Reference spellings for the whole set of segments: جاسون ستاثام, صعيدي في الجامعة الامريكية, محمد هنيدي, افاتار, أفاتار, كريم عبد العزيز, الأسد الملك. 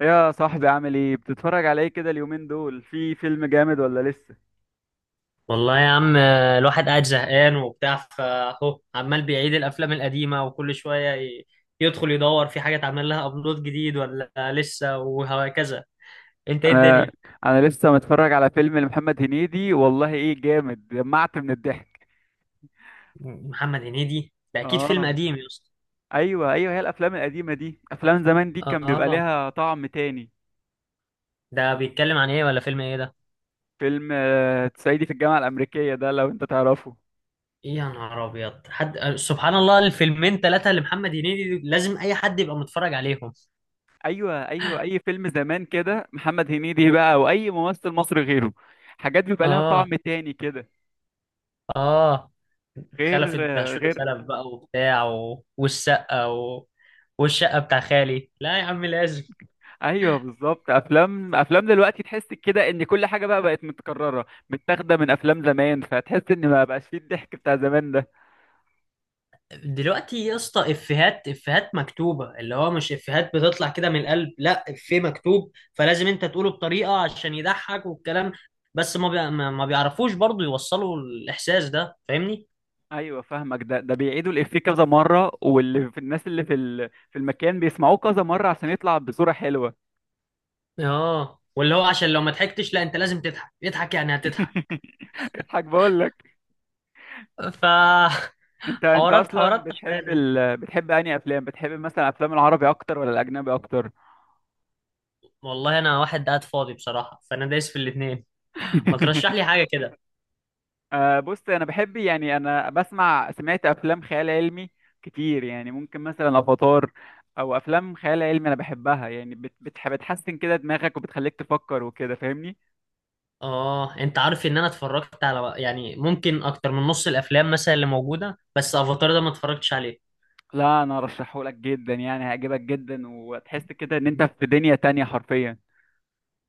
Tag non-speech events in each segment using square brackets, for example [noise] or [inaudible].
يا صاحبي، عامل ايه؟ بتتفرج على ايه كده اليومين دول؟ في فيلم جامد ولا لسه؟ والله يا عم الواحد قاعد زهقان وبتاع فاهو عمال بيعيد الافلام القديمه وكل شويه يدخل يدور في حاجه اتعمل لها ابلود جديد ولا لسه وهكذا. انت ايه انا الدنيا؟ انا لسه متفرج على فيلم لمحمد هنيدي. والله ايه جامد، دمعت من الضحك. محمد هنيدي ده اكيد فيلم اه، قديم يا اسطى. ايوه ايوه، هي الافلام القديمه دي، افلام زمان دي كان بيبقى اه، ليها طعم تاني. ده بيتكلم عن ايه ولا فيلم ايه ده؟ فيلم صعيدي في الجامعه الامريكيه، ده لو انت تعرفه. إيه يا نهار ابيض حد، سبحان الله. الفيلمين ثلاثه لمحمد هنيدي لازم اي حد يبقى متفرج عليهم. ايوه ايوه، اي فيلم زمان كده محمد هنيدي بقى، او اي ممثل مصري غيره، حاجات بيبقى لها اه. طعم تاني كده. اه. خلفت بهشوم غير. سلف بقى وبتاع والشقة والشقة بتاع خالي، لا يا عم لازم. ايوه بالظبط، افلام دلوقتي تحس كده ان كل حاجه بقى بقت متكرره، متاخده من افلام زمان، فتحس ان ما بقاش فيه الضحك بتاع زمان ده. دلوقتي يا اسطى افيهات افيهات مكتوبة، اللي هو مش افيهات بتطلع كده من القلب، لا افيه مكتوب فلازم انت تقوله بطريقة عشان يضحك والكلام. بس ما بي... ما ما بيعرفوش برضو يوصلوا الاحساس ده، فاهمني؟ ايوه فاهمك. ده بيعيدوا الافيه كذا مره، واللي في الناس اللي في المكان بيسمعوه كذا مره عشان يطلع بصوره حلوه. اه، واللي هو عشان لو ما ضحكتش لا، انت لازم تضحك، اضحك يعني هتضحك. [laughs] اضحك بقول لك. ف [laughs] انت حوارات اصلا حوارات بتحب، تعبانة. بتحب انهي افلام، بتحب مثلا افلام العربي اكتر ولا الاجنبي اكتر؟ والله انا واحد قاعد فاضي بصراحة، فانا دايس في الاتنين. ما ترشح [laughs] لي حاجة كده. أه بص، انا بحب، يعني انا سمعت افلام خيال علمي كتير، يعني ممكن مثلا افاتار، او افلام خيال علمي انا بحبها، يعني بتحسن كده دماغك وبتخليك تفكر وكده، فاهمني. اه، انت عارف ان انا اتفرجت على يعني ممكن اكتر من نص الافلام مثلا اللي موجودة، بس افاتار ده ما اتفرجتش عليه. لا، انا ارشحهولك جدا، يعني هيعجبك جدا، وتحس كده ان انت في دنيا تانية حرفيا.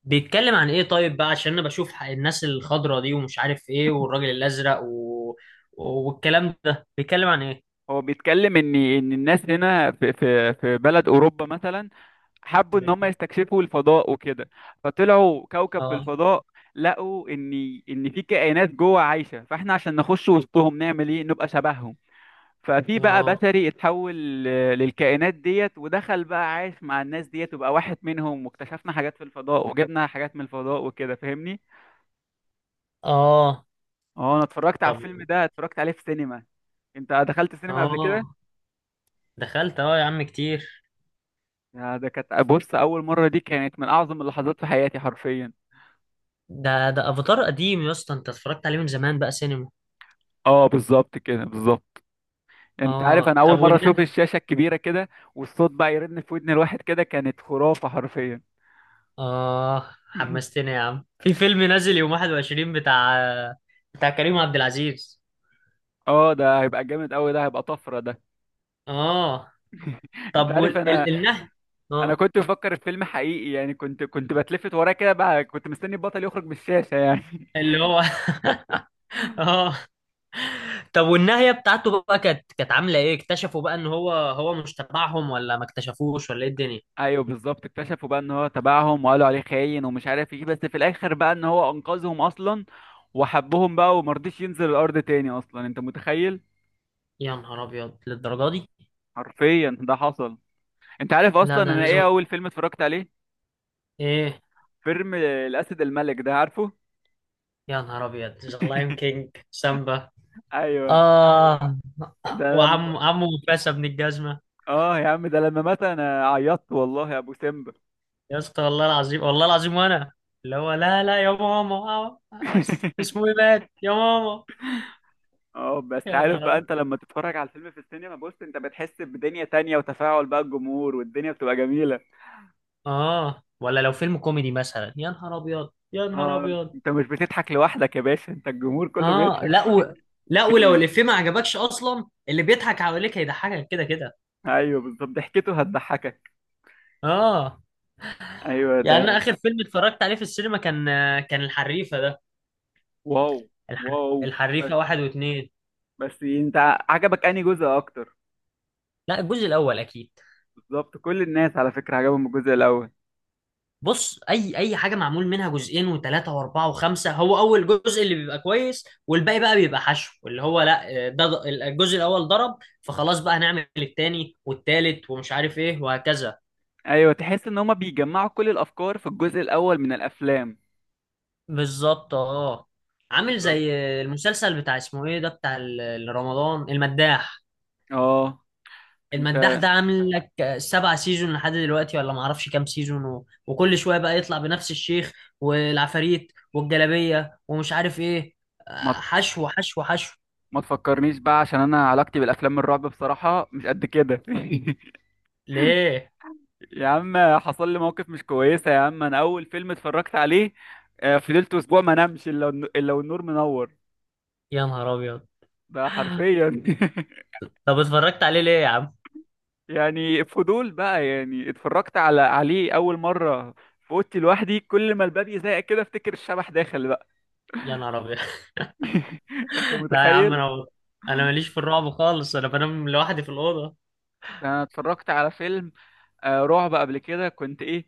بيتكلم عن ايه طيب بقى؟ عشان انا بشوف الناس الخضرة دي ومش عارف ايه والراجل الازرق والكلام ده بيتكلم عن ايه؟ هو بيتكلم ان الناس هنا في بلد اوروبا مثلا، حبوا ان هم ب- يستكشفوا الفضاء وكده، فطلعوا كوكب في اه. الفضاء. لقوا ان في كائنات جوه عايشه، فاحنا عشان نخش وسطهم نعمل ايه؟ نبقى شبههم. ففي بقى اه. بشري اتحول للكائنات ديت، ودخل بقى عايش مع الناس ديت وبقى واحد منهم، واكتشفنا حاجات في الفضاء، وجبنا حاجات من الفضاء وكده، فاهمني. اه. اه، انا اتفرجت على طب. الفيلم ده، اتفرجت عليه في سينما. انت دخلت سينما قبل كده؟ اه، دخلت اه يا عم كتير. يا ده، كانت، بص، اول مره دي كانت من اعظم اللحظات في حياتي حرفيا. ده افاتار قديم يا اسطى، انت اتفرجت عليه من زمان بقى سينما. اه بالظبط كده، بالظبط. انت عارف، انا اه، طب اول مره والناس. اشوف الشاشه الكبيره كده، والصوت بقى يرن في ودن الواحد كده، كانت خرافه حرفيا. آه، [laughs] حمستني يا عم في فيلم نازل يوم 21، بتاع كريم عبد العزيز. اه، ده هيبقى جامد قوي، ده هيبقى طفره ده. آه، انت طب عارف، انا والنهي. انا آه، كنت بفكر في فيلم حقيقي، يعني كنت بتلفت وراه كده بقى، كنت مستني البطل يخرج من الشاشه يعني. اللي هو. [laughs] آه. طب والنهاية بتاعته بقى كانت عاملة إيه؟ اكتشفوا بقى إن هو مش تبعهم، ولا ما اكتشفوش، ولا إيه [laughs] الدنيا؟ ايوه بالظبط، اكتشفوا بقى ان هو تبعهم، وقالوا عليه خاين ومش عارف ايه، بس في الاخر بقى ان هو انقذهم اصلا، وحبهم بقى، ومرضيش ينزل الارض تاني اصلا، انت متخيل؟ يا نهار أبيض للدرجة دي؟ حرفيا ده حصل. انت عارف لا اصلا ده أنا انا لازم. ايه اول فيلم اتفرجت عليه؟ إيه؟ فيلم الاسد الملك ده، عارفه؟ يا نهار أبيض، ذا لاين [laughs] كينج سامبا. ايوه، آه. ده لما، وعم عمه مفاسة بن الجزمة. اه يا عم، ده لما مات انا عيطت والله يا ابو سيمبا. يا اسطى والله العظيم، والله العظيم. وانا اللي هو، لا لا يا ماما، بس [laughs] اسمه ايه مات يا ماما. اه بس يا عارف نهار بقى، ابيض. انت لما تتفرج على الفيلم في السينما، بص، انت بتحس بدنيا تانية، وتفاعل بقى الجمهور، والدنيا بتبقى جميلة. اه، ولا لو فيلم كوميدي مثلا يا نهار ابيض، يا نهار اه، ابيض. انت مش بتضحك لوحدك يا باشا، انت الجمهور كله اه. لا بيضحك. لا، ولو الافيه ما عجبكش اصلا اللي بيضحك حواليك هيضحكك كده كده. ايوه بالظبط، ضحكته هتضحكك. اه. ايوه ده. يعني انا اخر فيلم اتفرجت عليه في السينما كان، الحريفه ده. واو. الح... واو بس. الحريفه واحد واثنين. بس انت، عجبك انهي جزء اكتر؟ لا، الجزء الاول اكيد. بالظبط، كل الناس على فكرة عجبهم الجزء الاول. بص، اي حاجه معمول منها جزئين وثلاثه واربعه وخمسه، هو اول جزء اللي بيبقى كويس، والباقي بقى بيبقى حشو، اللي هو لا ده الجزء الاول ضرب، فخلاص بقى هنعمل التاني والتالت ومش عارف ايه وهكذا. ايوه، تحس ان هما بيجمعوا كل الافكار في الجزء الاول من الافلام. بالظبط اه. عامل بالظبط. زي المسلسل بتاع اسمه ايه ده، بتاع رمضان المداح. اه انت، المداح ده عامل لك سبعة سيزون لحد دلوقتي، ولا معرفش كام سيزون، وكل شوية بقى يطلع بنفس الشيخ والعفاريت والجلابية ومش عارف ايه. ما حشو حشو حشو. ما تفكرنيش بقى، عشان انا علاقتي بالافلام الرعب بصراحه مش قد كده. [laughs] ليه؟ يا عم، حصل لي موقف مش كويسه يا عم، انا اول فيلم اتفرجت عليه، فضلت اسبوع ما نمش الا الا والنور منور. يا نهار ابيض. ده حرفيا. طب اتفرجت عليه ليه يا عم؟ [laughs] يعني فضول بقى، يعني اتفرجت عليه اول مره في اوضتي لوحدي، كل ما الباب يزهق كده افتكر الشبح داخل بقى. يا نهار ابيض. [laughs] [laughs] انت لا يا عم، متخيل؟ انا ماليش في الرعب خالص، انا بنام لوحدي في الأوضة. انا اتفرجت على فيلم رعب قبل كده، كنت ايه،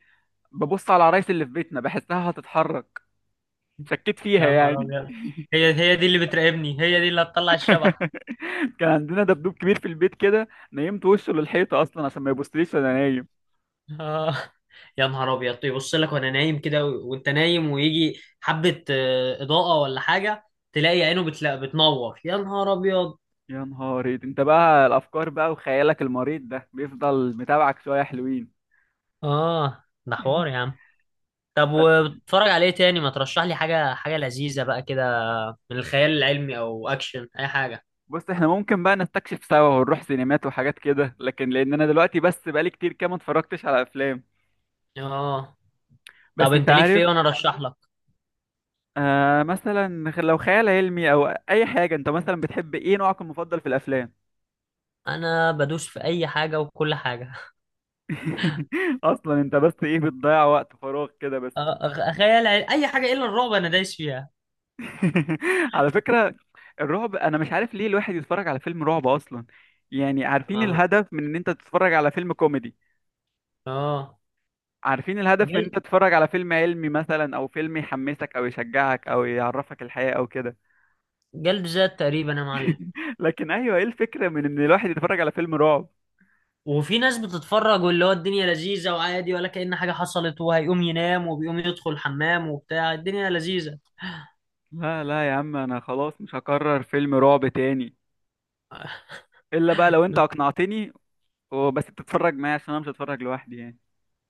ببص على العرايس اللي في بيتنا بحسها هتتحرك، شكيت فيها يا نهار يعني. ابيض. هي دي اللي بتراقبني، هي دي اللي هتطلع الشبح. [laughs] كان عندنا دبدوب كبير في البيت كده، نيمت وشه للحيطة اصلا عشان ما يبصليش وانا نايم. آه. يا نهار ابيض، يبص لك وانا نايم كده، وانت نايم ويجي حبة اضاءة ولا حاجة. تلاقي عينه بتنور، يا نهار ابيض. يا نهاري انت بقى، الافكار بقى وخيالك المريض ده بيفضل متابعك شوية حلوين. اه، ده حوار يا [laughs] عم. طب بس وبتتفرج على ايه تاني؟ ما ترشح لي حاجة، حاجة لذيذة بقى كده. من الخيال العلمي او اكشن، اي حاجة. بص، احنا ممكن بقى نستكشف سوا ونروح سينمات وحاجات كده، لكن لان انا دلوقتي بس بقالي كتير كده ما اتفرجتش على افلام. اه، طب بس انت انت ليك في عارف، ايه وانا ارشح لك؟ آه مثلا، لو خيال علمي او اي حاجه، انت مثلا بتحب ايه، نوعك المفضل في الافلام؟ انا بدوس في اي حاجة وكل حاجة. [laughs] اصلا انت بس ايه، بتضيع وقت فراغ كده بس. خيال علمي اي حاجة الا الرعب، انا دايس فيها. [laughs] على فكره، الرعب انا مش عارف ليه الواحد يتفرج على فيلم رعب اصلا. يعني عارفين اه. الهدف من ان انت تتفرج على فيلم كوميدي، آه. عارفين الهدف من ان انت جلد، تتفرج على فيلم علمي مثلا، او فيلم يحمسك او يشجعك او يعرفك الحياه او كده، جلد ذات تقريبا يا معلم. لكن ايوه، ايه الفكره من ان الواحد يتفرج على فيلم رعب؟ وفي ناس بتتفرج، واللي هو الدنيا لذيذة وعادي ولا كأن حاجة حصلت، وهيقوم ينام وبيقوم يدخل الحمام وبتاع الدنيا لذيذة. لا لا يا عم، انا خلاص مش هكرر فيلم رعب تاني، الا بقى لو انت اقنعتني، وبس تتفرج معايا عشان انا مش هتفرج لوحدي يعني.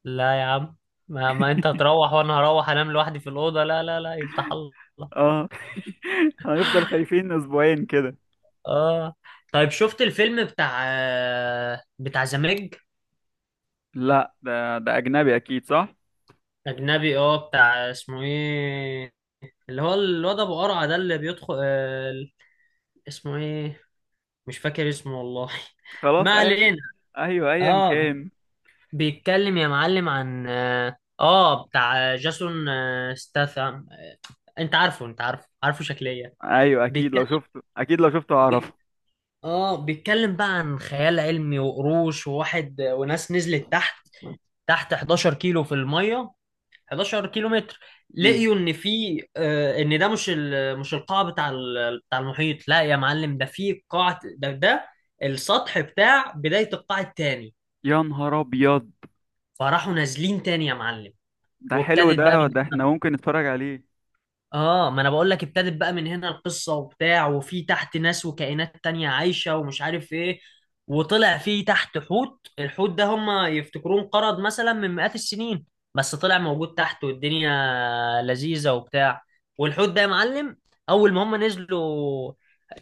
لا يا عم. ما انت هتروح وانا هروح انام لوحدي في الأوضة، لا لا لا، يفتح الله. اه. [laughs] هنفضل خايفين اسبوعين كده. اه. طيب، شفت الفيلم بتاع، بتاع زمج؟ لا ده اجنبي اكيد، صح؟ أجنبي اه، بتاع اسمه ايه، اللي هو الواد أبو قرعة ده اللي بيدخل، اسمه ايه؟ مش فاكر اسمه والله. [laughs] خلاص، ما علينا. ايوه ايا اه، كان. بيتكلم يا معلم عن بتاع جاسون ستاثام. انت عارفه، انت عارفه، عارفه شكليا. ايوه اكيد بيتكلم، لو شفته، اكيد لو شفته هعرفه. بي- اه، بيتكلم بقى عن خيال علمي وقروش وواحد، وناس نزلت تحت، 11 كيلو في الميه، 11 كيلو متر. مم. لقيوا ان في آه، ان ده مش مش القاع بتاع بتاع المحيط، لا يا معلم ده في قاع، ده ده السطح بتاع بداية القاع التاني. يا نهار ابيض. فراحوا نازلين تاني يا معلم. ده حلو، وابتدت بقى. ده احنا ممكن نتفرج عليه. اه، ما انا بقول لك، ابتدت بقى من هنا القصه وبتاع، وفي تحت ناس وكائنات تانية عايشه ومش عارف ايه. وطلع في تحت حوت، الحوت ده هم يفتكروه انقرض مثلا من مئات السنين، بس طلع موجود تحت والدنيا لذيذه وبتاع. والحوت ده يا معلم، اول ما هم نزلوا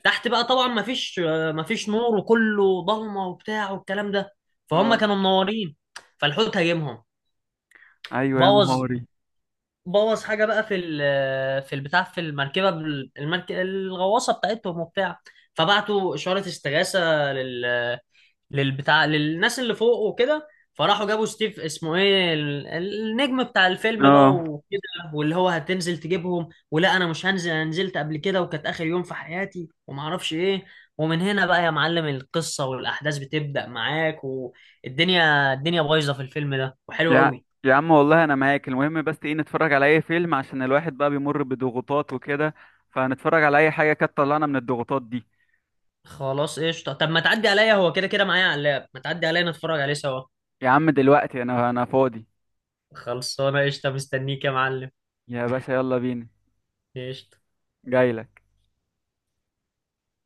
تحت بقى طبعا ما فيش، نور وكله ضلمه وبتاع والكلام ده، فهم اه. كانوا منورين، فالحوت هاجمهم. ايوه يا بوظ، نهاري. بوظ حاجه بقى في في البتاع، في المركبه، الغواصه بتاعتهم وبتاع. فبعتوا اشاره استغاثه للبتاع، للناس اللي فوق وكده. فراحوا جابوا ستيف اسمه ايه، النجم بتاع الفيلم بقى اه، وكده. واللي هو هتنزل تجيبهم؟ ولا انا مش هنزل، انا نزلت قبل كده وكانت اخر يوم في حياتي وما اعرفش ايه. ومن هنا بقى يا معلم القصة والاحداث بتبدأ معاك، والدنيا، بايظة في الفيلم ده وحلو يا قوي. يا عم والله انا معاك، المهم بس ايه، نتفرج على اي فيلم عشان الواحد بقى بيمر بضغوطات وكده، فنتفرج على اي حاجه كانت طلعنا من الضغوطات دي. خلاص قشطة، طب ما تعدي عليا، هو كده كده معايا على اللاب، ما تعدي عليا نتفرج عليه سوا. يا عم دلوقتي انا فاضي. خلصانة قشطة، مستنيك يا معلم. يا باشا، يلا بينا. قشطة. جايلك.